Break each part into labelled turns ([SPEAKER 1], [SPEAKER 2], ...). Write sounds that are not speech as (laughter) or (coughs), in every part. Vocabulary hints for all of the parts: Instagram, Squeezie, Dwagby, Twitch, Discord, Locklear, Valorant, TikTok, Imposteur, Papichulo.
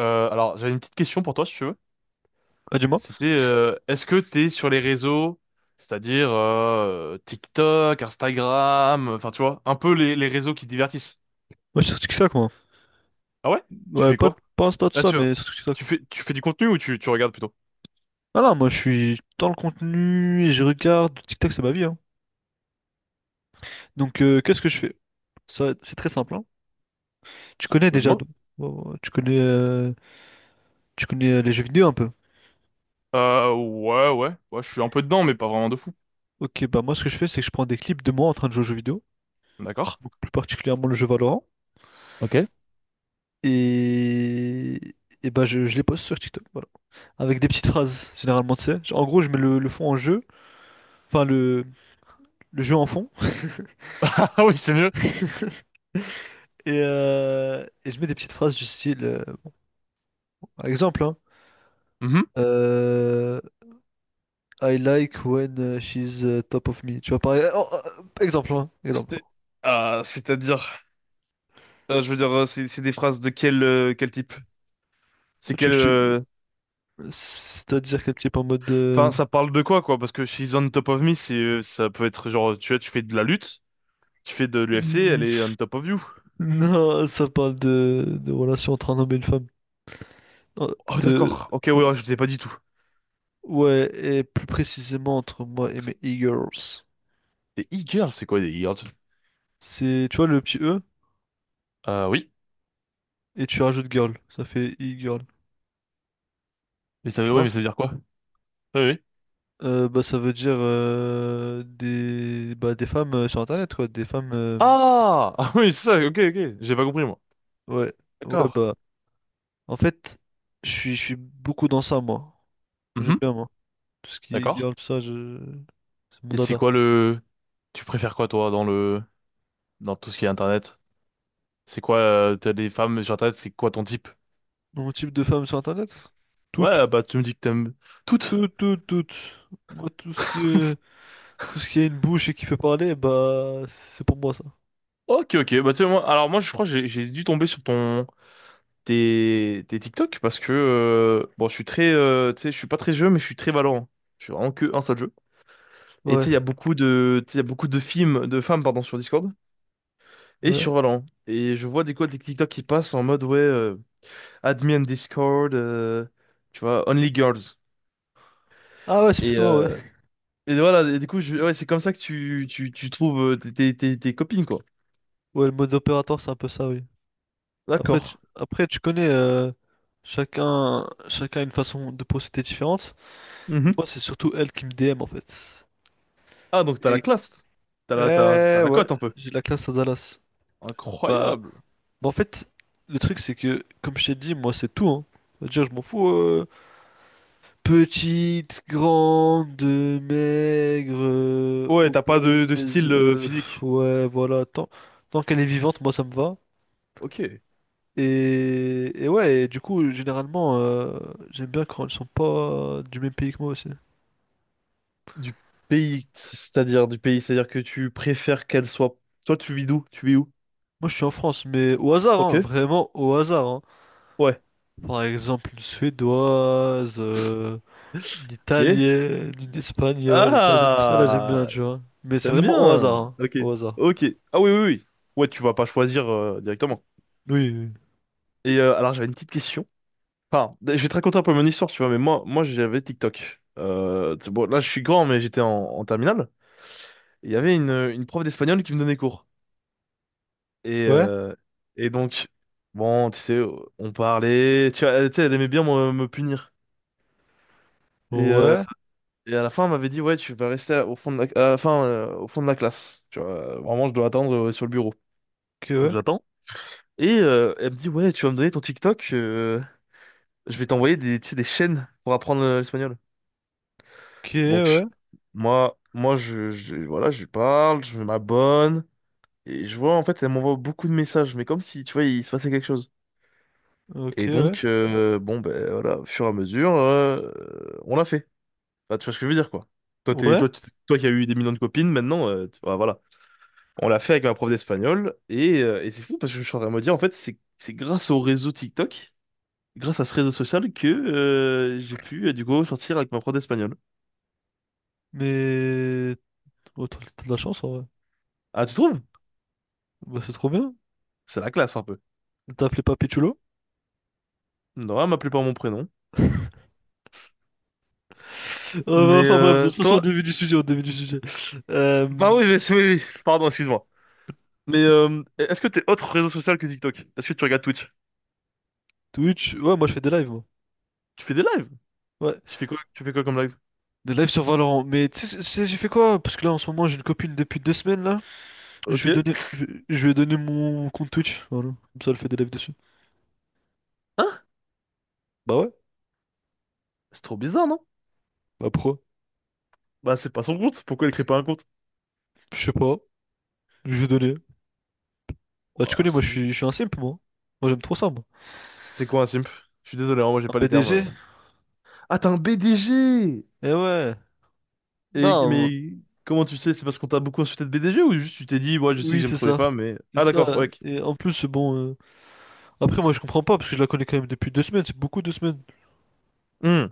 [SPEAKER 1] J'avais une petite question pour toi, si tu veux.
[SPEAKER 2] Ah, dis-moi.
[SPEAKER 1] C'était, est-ce que t'es sur les réseaux, c'est-à-dire TikTok, Instagram, enfin tu vois, un peu les réseaux qui te divertissent.
[SPEAKER 2] Moi, je suis sur TikTok, moi.
[SPEAKER 1] Ah ouais? Tu
[SPEAKER 2] Ouais,
[SPEAKER 1] fais
[SPEAKER 2] pas,
[SPEAKER 1] quoi?
[SPEAKER 2] pas Insta, tout
[SPEAKER 1] Ah
[SPEAKER 2] ça,
[SPEAKER 1] tu,
[SPEAKER 2] mais sur TikTok.
[SPEAKER 1] tu fais du contenu ou tu regardes plutôt?
[SPEAKER 2] Ah non, moi, je suis dans le contenu et je regarde. TikTok, c'est ma vie, hein. Donc, qu'est-ce que je fais? Ça, c'est très simple, hein. Tu connais
[SPEAKER 1] Bah
[SPEAKER 2] déjà,
[SPEAKER 1] dis-moi.
[SPEAKER 2] donc. Bon, tu connais, tu connais les jeux vidéo un peu.
[SPEAKER 1] Ouais, ouais, ouais, je suis un peu dedans, mais pas vraiment de fou.
[SPEAKER 2] Ok, bah moi, ce que je fais, c'est que je prends des clips de moi en train de jouer aux jeux vidéo,
[SPEAKER 1] D'accord.
[SPEAKER 2] donc plus particulièrement le jeu Valorant.
[SPEAKER 1] Ok. (laughs)
[SPEAKER 2] Et, et bah, je les poste sur TikTok, voilà. Avec des petites phrases, généralement, tu sais. En gros, je mets le fond en jeu. Enfin, le jeu en fond.
[SPEAKER 1] Ah oui, c'est mieux.
[SPEAKER 2] Et je mets des petites phrases du style, par exemple, hein,
[SPEAKER 1] Mhm.
[SPEAKER 2] euh, I like when she's top of me. Tu vois, pareil. Oh, exemple, hein, exemple.
[SPEAKER 1] C'est- Ah, je veux dire, c'est des phrases de quel quel type? C'est
[SPEAKER 2] Tu veux
[SPEAKER 1] quel
[SPEAKER 2] que je c'est-à-dire quel type en mode
[SPEAKER 1] enfin,
[SPEAKER 2] de…
[SPEAKER 1] ça parle de quoi, quoi? Parce que she's on top of me, c'est, ça peut être genre, tu vois, tu fais de la lutte, tu fais de l'UFC, elle est
[SPEAKER 2] (laughs)
[SPEAKER 1] on top of you.
[SPEAKER 2] Non, ça parle de relation entre un homme et une femme. Euh,
[SPEAKER 1] Oh,
[SPEAKER 2] De...
[SPEAKER 1] d'accord. Ok, ouais,
[SPEAKER 2] euh,
[SPEAKER 1] ouais, je ne sais pas du tout.
[SPEAKER 2] Ouais, et plus précisément entre moi et mes e-girls.
[SPEAKER 1] Des e-girls, c'est quoi des e-girls?
[SPEAKER 2] C'est, tu vois, le petit E,
[SPEAKER 1] Oui.
[SPEAKER 2] et tu rajoutes girl. Ça fait e-girl. Tu
[SPEAKER 1] Ouais,
[SPEAKER 2] vois?
[SPEAKER 1] mais ça veut dire quoi? Oui, oui.
[SPEAKER 2] Bah, ça veut dire des, bah, des femmes sur Internet, quoi. Des femmes.
[SPEAKER 1] Ah! (laughs) Ah oui, c'est ça, ok, ok. J'ai pas compris, moi.
[SPEAKER 2] Ouais. Ouais,
[SPEAKER 1] D'accord.
[SPEAKER 2] bah. En fait, je suis beaucoup dans ça, moi. J'aime
[SPEAKER 1] Mhm,
[SPEAKER 2] bien, moi. Tout ce qui est
[SPEAKER 1] d'accord.
[SPEAKER 2] girl, tout ça, je… c'est mon
[SPEAKER 1] Et c'est
[SPEAKER 2] dada.
[SPEAKER 1] quoi le... Tu préfères quoi, toi, dans le... dans tout ce qui est Internet? C'est quoi, t'as des femmes sur Internet, c'est quoi ton type?
[SPEAKER 2] Mon type de femme sur Internet? Toutes.
[SPEAKER 1] Ouais, bah, tu me dis que t'aimes toutes.
[SPEAKER 2] Toutes, toutes, toutes. Moi, tout ce qui est… tout ce qui a une bouche et qui peut parler, bah, c'est pour moi, ça.
[SPEAKER 1] Ok, ok. Bah, tu sais, moi, alors moi, je crois que j'ai dû tomber sur ton... des TikTok parce que bon, je suis très, tu sais, je suis pas très jeu, mais je suis très Valorant. Je suis vraiment que un seul jeu. Et tu
[SPEAKER 2] Ouais,
[SPEAKER 1] sais, il y a beaucoup de, tu sais, il y a beaucoup de films, de femmes, pardon, sur Discord et
[SPEAKER 2] ouais.
[SPEAKER 1] sur Valorant. Et je vois des quoi des TikTok qui passent en mode ouais, add Discord, tu vois, only girls.
[SPEAKER 2] Ah, ouais, c'est
[SPEAKER 1] Et,
[SPEAKER 2] peut-être moi, ouais.
[SPEAKER 1] euh, et voilà, et du coup, je, ouais, c'est comme ça tu trouves tes copines, quoi.
[SPEAKER 2] Ouais, le mode opérateur, c'est un peu ça, oui. Après, tu,
[SPEAKER 1] D'accord.
[SPEAKER 2] après, tu connais, chacun a une façon de procéder différente. Mais
[SPEAKER 1] Mhm.
[SPEAKER 2] moi, c'est surtout elle qui me DM en fait.
[SPEAKER 1] Ah, donc t'as la
[SPEAKER 2] Et
[SPEAKER 1] classe. T'as
[SPEAKER 2] ouais,
[SPEAKER 1] la
[SPEAKER 2] ouais,
[SPEAKER 1] cote un peu.
[SPEAKER 2] j'ai de la classe à Dallas. Bah,
[SPEAKER 1] Incroyable.
[SPEAKER 2] en fait, le truc c'est que, comme je t'ai dit, moi c'est tout, hein. Déjà, je m'en fous. Petite, grande, maigre,
[SPEAKER 1] Ouais, t'as pas de
[SPEAKER 2] obèse,
[SPEAKER 1] style physique.
[SPEAKER 2] ouais, voilà. Tant qu'elle est vivante, moi ça me va.
[SPEAKER 1] Ok.
[SPEAKER 2] Et ouais, et du coup, généralement, j'aime bien quand ils sont pas du même pays que moi aussi.
[SPEAKER 1] Du du pays, c'est-à-dire que tu préfères qu'elle soit. Toi, tu vis d'où? Tu vis où?
[SPEAKER 2] Moi, je suis en France, mais au hasard,
[SPEAKER 1] Ok.
[SPEAKER 2] hein, vraiment au hasard, hein.
[SPEAKER 1] Ouais.
[SPEAKER 2] Par exemple, une suédoise, une
[SPEAKER 1] Ok.
[SPEAKER 2] italienne, une espagnole, ça, tout ça là, j'aime bien,
[SPEAKER 1] Ah,
[SPEAKER 2] tu vois. Mais c'est
[SPEAKER 1] t'aimes
[SPEAKER 2] vraiment au hasard,
[SPEAKER 1] bien.
[SPEAKER 2] hein,
[SPEAKER 1] Ok.
[SPEAKER 2] au hasard.
[SPEAKER 1] Ok. Ah oui, oui, oui. Ouais, tu vas pas choisir directement.
[SPEAKER 2] Oui, oui.
[SPEAKER 1] Et j'avais une petite question. Enfin, je vais te raconter un peu mon histoire, tu vois, mais moi, moi j'avais TikTok. C'est bon, là, je suis grand, mais j'étais en terminale. Et il y avait une prof d'espagnol qui me donnait cours. Et,
[SPEAKER 2] Ouais,
[SPEAKER 1] euh, et donc, bon, tu sais, on parlait. Tu vois, elle, tu sais, elle aimait bien me punir. Et, euh,
[SPEAKER 2] ouais,
[SPEAKER 1] et à la fin, elle m'avait dit, ouais, tu vas rester au fond de la, à la fin, au fond de la classe. Tu vois, vraiment, je dois attendre sur le bureau.
[SPEAKER 2] ok,
[SPEAKER 1] Donc
[SPEAKER 2] ouais,
[SPEAKER 1] j'attends. Et elle me dit, ouais, tu vas me donner ton TikTok, je vais t'envoyer des, tu sais, des chaînes pour apprendre l'espagnol.
[SPEAKER 2] ok,
[SPEAKER 1] Donc,
[SPEAKER 2] ouais,
[SPEAKER 1] moi, voilà, je lui parle, je m'abonne. Et je vois, en fait, elle m'envoie beaucoup de messages, mais comme si, tu vois, il se passait quelque chose.
[SPEAKER 2] ok,
[SPEAKER 1] Et
[SPEAKER 2] ouais,
[SPEAKER 1] donc, bon, ben voilà, au fur et à mesure, on l'a fait. Bah, tu vois ce que je veux dire, quoi. Toi, t'es,
[SPEAKER 2] ouais,
[SPEAKER 1] toi, tu- toi qui as eu des millions de copines, maintenant, bah, voilà. On l'a fait avec ma prof d'espagnol, et c'est fou parce que je suis en train de me dire, en fait, c'est grâce au réseau TikTok, grâce à ce réseau social que j'ai pu, du coup, sortir avec ma prof d'espagnol.
[SPEAKER 2] mais. Oh, t'as de la chance, en vrai.
[SPEAKER 1] Ah, tu trouves?
[SPEAKER 2] Bah, c'est trop bien.
[SPEAKER 1] C'est la classe, un peu.
[SPEAKER 2] T'as appelé Papichulo?
[SPEAKER 1] Non, elle m'appelait par mon prénom. Mais
[SPEAKER 2] Enfin bref, de toute façon, au
[SPEAKER 1] toi...
[SPEAKER 2] début du sujet, au début du sujet. Euh,
[SPEAKER 1] Bah oui, mais c'est- oui, oui, pardon, excuse-moi. Mais est-ce que t'es autre réseau social que TikTok? Est-ce que tu regardes Twitch?
[SPEAKER 2] Twitch, ouais, moi je fais des lives, moi.
[SPEAKER 1] Tu fais des lives?
[SPEAKER 2] Ouais,
[SPEAKER 1] Tu fais quoi comme live?
[SPEAKER 2] des lives sur Valorant. Mais tu sais, j'ai fait quoi? Parce que là, en ce moment, j'ai une copine depuis 2 semaines, là. Je
[SPEAKER 1] Ok.
[SPEAKER 2] vais donner je lui ai mon compte Twitch, voilà. Comme ça, elle fait des lives dessus.
[SPEAKER 1] Hein?
[SPEAKER 2] Bah ouais,
[SPEAKER 1] C'est trop bizarre, non?
[SPEAKER 2] bah pourquoi?
[SPEAKER 1] Bah, c'est pas son compte. Pourquoi elle crée pas un compte?
[SPEAKER 2] Je sais pas, je vais donner bah tu
[SPEAKER 1] Ouah,
[SPEAKER 2] connais, moi
[SPEAKER 1] c'est
[SPEAKER 2] je
[SPEAKER 1] bizarre.
[SPEAKER 2] suis, je suis un simp, moi. Moi j'aime trop ça, moi.
[SPEAKER 1] C'est quoi un simp? Je suis désolé, hein, moi j'ai
[SPEAKER 2] Un
[SPEAKER 1] pas les termes.
[SPEAKER 2] BDG?
[SPEAKER 1] Ah, t'es un BDG!
[SPEAKER 2] Eh ouais,
[SPEAKER 1] Et,
[SPEAKER 2] non,
[SPEAKER 1] mais comment tu sais? C'est parce qu'on t'a beaucoup insulté de BDG ou juste tu t'es dit, ouais, je sais que
[SPEAKER 2] oui,
[SPEAKER 1] j'aime
[SPEAKER 2] c'est
[SPEAKER 1] trop les
[SPEAKER 2] ça.
[SPEAKER 1] femmes, mais.
[SPEAKER 2] C'est
[SPEAKER 1] Ah, d'accord,
[SPEAKER 2] ça.
[SPEAKER 1] ouais. Ok.
[SPEAKER 2] Et en plus, bon, moi je comprends pas, parce que je la connais quand même depuis 2 semaines, c'est beaucoup 2 semaines.
[SPEAKER 1] Hmm.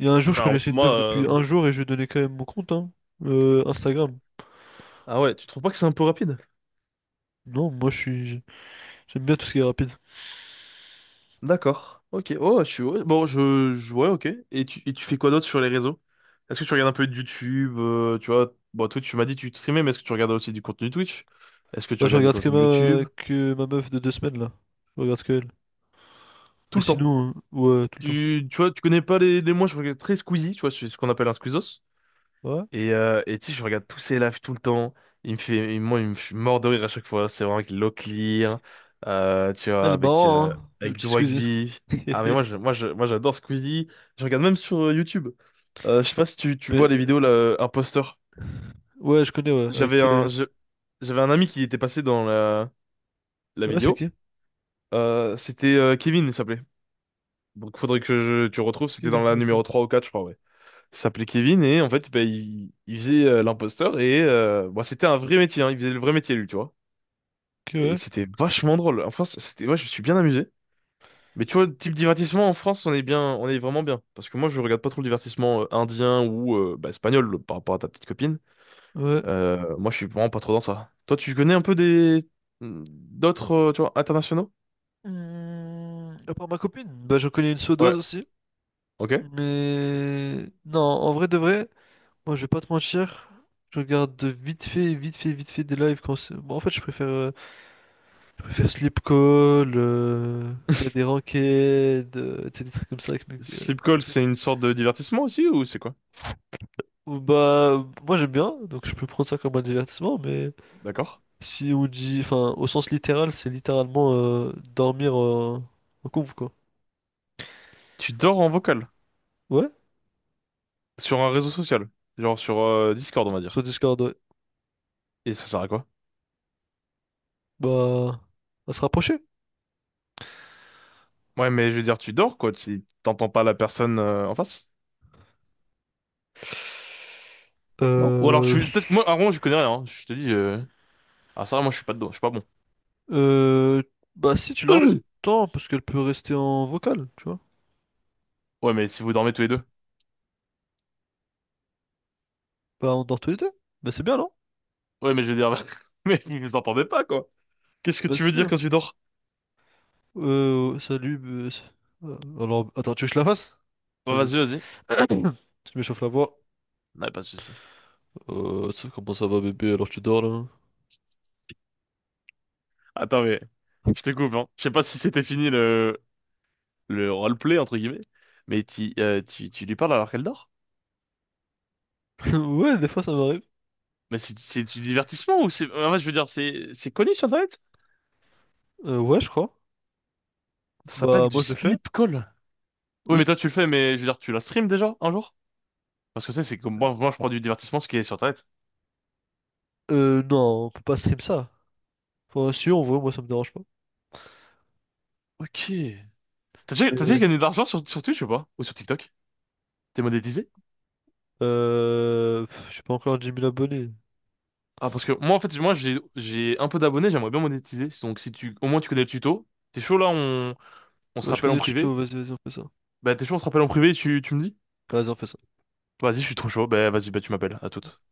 [SPEAKER 2] Il y a un jour, je
[SPEAKER 1] Alors,
[SPEAKER 2] connaissais une
[SPEAKER 1] moi.
[SPEAKER 2] meuf depuis un jour et je lui ai donné quand même mon compte, hein. Instagram.
[SPEAKER 1] Ah ouais, tu trouves pas que c'est un peu rapide?
[SPEAKER 2] Non, j'aime bien tout ce qui est rapide.
[SPEAKER 1] D'accord. Ok. Oh, je suis... ouais, bon, je... ouais, ok. Et tu fais quoi d'autre sur les réseaux? Est-ce que tu regardes un peu de YouTube, tu vois? Bon, Twitch, tu m'as dit que tu streamais, mais est-ce que tu regardes aussi du contenu Twitch? Est-ce que tu
[SPEAKER 2] Bah, je
[SPEAKER 1] regardes du
[SPEAKER 2] regarde que
[SPEAKER 1] contenu
[SPEAKER 2] ma,
[SPEAKER 1] YouTube?
[SPEAKER 2] que ma meuf de deux semaines, là. Je regarde que elle. Mais
[SPEAKER 1] Tout le temps.
[SPEAKER 2] sinon, ouais, tout le temps.
[SPEAKER 1] Tu connais pas les moi je regarde très Squeezie, tu vois, c'est ce qu'on appelle un squeezos.
[SPEAKER 2] Ouais.
[SPEAKER 1] Et tu sais, je regarde tous ses lives tout le temps. Il me fait, il- je suis mort de rire à chaque fois. C'est vraiment avec Locklear, tu
[SPEAKER 2] Ah,
[SPEAKER 1] vois,
[SPEAKER 2] elle est
[SPEAKER 1] avec,
[SPEAKER 2] marrant, hein, le
[SPEAKER 1] avec
[SPEAKER 2] petit Squeezie.
[SPEAKER 1] Dwagby. Ah, mais
[SPEAKER 2] (laughs)
[SPEAKER 1] moi, j'adore Squeezie. Je regarde même sur YouTube. Je sais pas si tu, tu vois
[SPEAKER 2] Mais,
[SPEAKER 1] les vidéos, là, Imposteur.
[SPEAKER 2] ouais, je connais, ouais.
[SPEAKER 1] J'avais
[SPEAKER 2] Avec,
[SPEAKER 1] un, je- j'avais un ami qui était passé dans la
[SPEAKER 2] ah ouais, c'est
[SPEAKER 1] vidéo.
[SPEAKER 2] qui?
[SPEAKER 1] C'était Kevin, il s'appelait. Donc, tu retrouves. C'était dans
[SPEAKER 2] Kevin,
[SPEAKER 1] la
[SPEAKER 2] ok.
[SPEAKER 1] numéro 3 ou 4, je crois. Ouais. Il s'appelait Kevin et en fait, bah, il faisait l'imposteur et bon, c'était un vrai métier, hein, il faisait le vrai métier lui, tu vois.
[SPEAKER 2] Ok,
[SPEAKER 1] Et
[SPEAKER 2] ouais.
[SPEAKER 1] c'était vachement drôle. En France, c'était, ouais, je me suis bien amusé. Mais tu vois, type divertissement en France, on est bien, on est vraiment bien. Parce que moi, je regarde pas trop le divertissement indien ou bah, espagnol le- par rapport à ta petite copine.
[SPEAKER 2] Ouais.
[SPEAKER 1] Moi, je suis vraiment pas trop dans ça. Toi, tu connais un peu des hmm, d'autres, tu vois, internationaux?
[SPEAKER 2] À part ma copine, bah, je connais une suédoise
[SPEAKER 1] Ouais.
[SPEAKER 2] aussi.
[SPEAKER 1] Ok.
[SPEAKER 2] Mais non, en vrai de vrai, moi, je vais pas te mentir. Je regarde de vite fait, vite fait, vite fait des lives quand en fait, je préfère sleep call, faire des ranked, tu sais, des trucs comme ça
[SPEAKER 1] (laughs)
[SPEAKER 2] avec mes
[SPEAKER 1] Sleep call,
[SPEAKER 2] copines.
[SPEAKER 1] c'est une sorte de divertissement aussi ou c'est quoi?
[SPEAKER 2] Ou bah, moi j'aime bien, donc je peux prendre ça comme un divertissement, mais
[SPEAKER 1] D'accord.
[SPEAKER 2] si on dit, enfin, au sens littéral, c'est littéralement dormir en conf, quoi.
[SPEAKER 1] Tu dors en vocal.
[SPEAKER 2] Ouais,
[SPEAKER 1] Sur un réseau social. Genre sur Discord, on va
[SPEAKER 2] sur
[SPEAKER 1] dire.
[SPEAKER 2] Discord, ouais.
[SPEAKER 1] Et ça sert à quoi?
[SPEAKER 2] Bah, à se rapprocher.
[SPEAKER 1] Ouais, mais je veux dire, tu dors, quoi, si t'entends pas la personne en face. Non? Ou alors, je
[SPEAKER 2] Euh,
[SPEAKER 1] suis... Peut-être que moi, avant, je connais rien. Hein. Je te dis... ah, ça, va, moi, je suis pas dedans. Je suis pas bon.
[SPEAKER 2] Euh, bah si tu
[SPEAKER 1] (clears throat)
[SPEAKER 2] l'entends, parce qu'elle peut rester en vocal, tu vois.
[SPEAKER 1] Ouais, mais si vous dormez tous les deux.
[SPEAKER 2] Bah on dort tous les deux. Bah c'est bien, non?
[SPEAKER 1] Ouais, mais je veux dire... (laughs) Mais vous vous entendez pas, quoi. Qu'est-ce que
[SPEAKER 2] Bah
[SPEAKER 1] tu veux
[SPEAKER 2] si,
[SPEAKER 1] dire
[SPEAKER 2] hein.
[SPEAKER 1] quand tu dors?
[SPEAKER 2] Salut. Alors, attends, tu veux que je la fasse?
[SPEAKER 1] Bah,
[SPEAKER 2] Vas-y.
[SPEAKER 1] vas-y, vas-y.
[SPEAKER 2] (coughs) (clears throat) Tu m'échauffes la voix.
[SPEAKER 1] Ouais, pas de souci.
[SPEAKER 2] Comment ça va bébé, alors tu dors là?
[SPEAKER 1] Attends, mais... Je
[SPEAKER 2] (laughs)
[SPEAKER 1] te coupe, hein. Je sais pas si c'était fini le... Le roleplay, entre guillemets. Mais tu lui parles alors qu'elle dort?
[SPEAKER 2] Ouais, des fois ça m'arrive.
[SPEAKER 1] Mais c'est du divertissement ou c'est... En fait, je veux dire, c'est connu sur Internet?
[SPEAKER 2] Ouais, je crois.
[SPEAKER 1] Ça s'appelle
[SPEAKER 2] Bah
[SPEAKER 1] du
[SPEAKER 2] moi je le fais.
[SPEAKER 1] sleep call. Oui, mais
[SPEAKER 2] Oui.
[SPEAKER 1] toi, tu le fais, mais je veux dire, tu la stream déjà un jour? Parce que tu sais, c'est comme moi, moi, je prends du divertissement, ce qui est sur Internet.
[SPEAKER 2] Non, on peut pas stream ça. Enfin, si on voit, moi ça me dérange pas.
[SPEAKER 1] Ok. T'as déjà
[SPEAKER 2] Mais,
[SPEAKER 1] gagné de l'argent sur Twitch ou pas? Ou sur TikTok? T'es monétisé?
[SPEAKER 2] pff, j'ai pas encore 10 000 abonnés.
[SPEAKER 1] Ah, parce que moi, en fait, moi, j'ai un peu d'abonnés, j'aimerais bien monétiser. Donc, si tu, au moins, tu connais le tuto. T'es chaud, là, on se
[SPEAKER 2] Ouais, je
[SPEAKER 1] rappelle
[SPEAKER 2] connais
[SPEAKER 1] en
[SPEAKER 2] le tuto,
[SPEAKER 1] privé.
[SPEAKER 2] vas-y, vas-y, on fait ça.
[SPEAKER 1] Bah, t'es chaud, on se rappelle en privé, tu me dis?
[SPEAKER 2] Vas-y, on fait ça.
[SPEAKER 1] Vas-y, je suis trop chaud. Bah, vas-y, bah, tu m'appelles. À toute.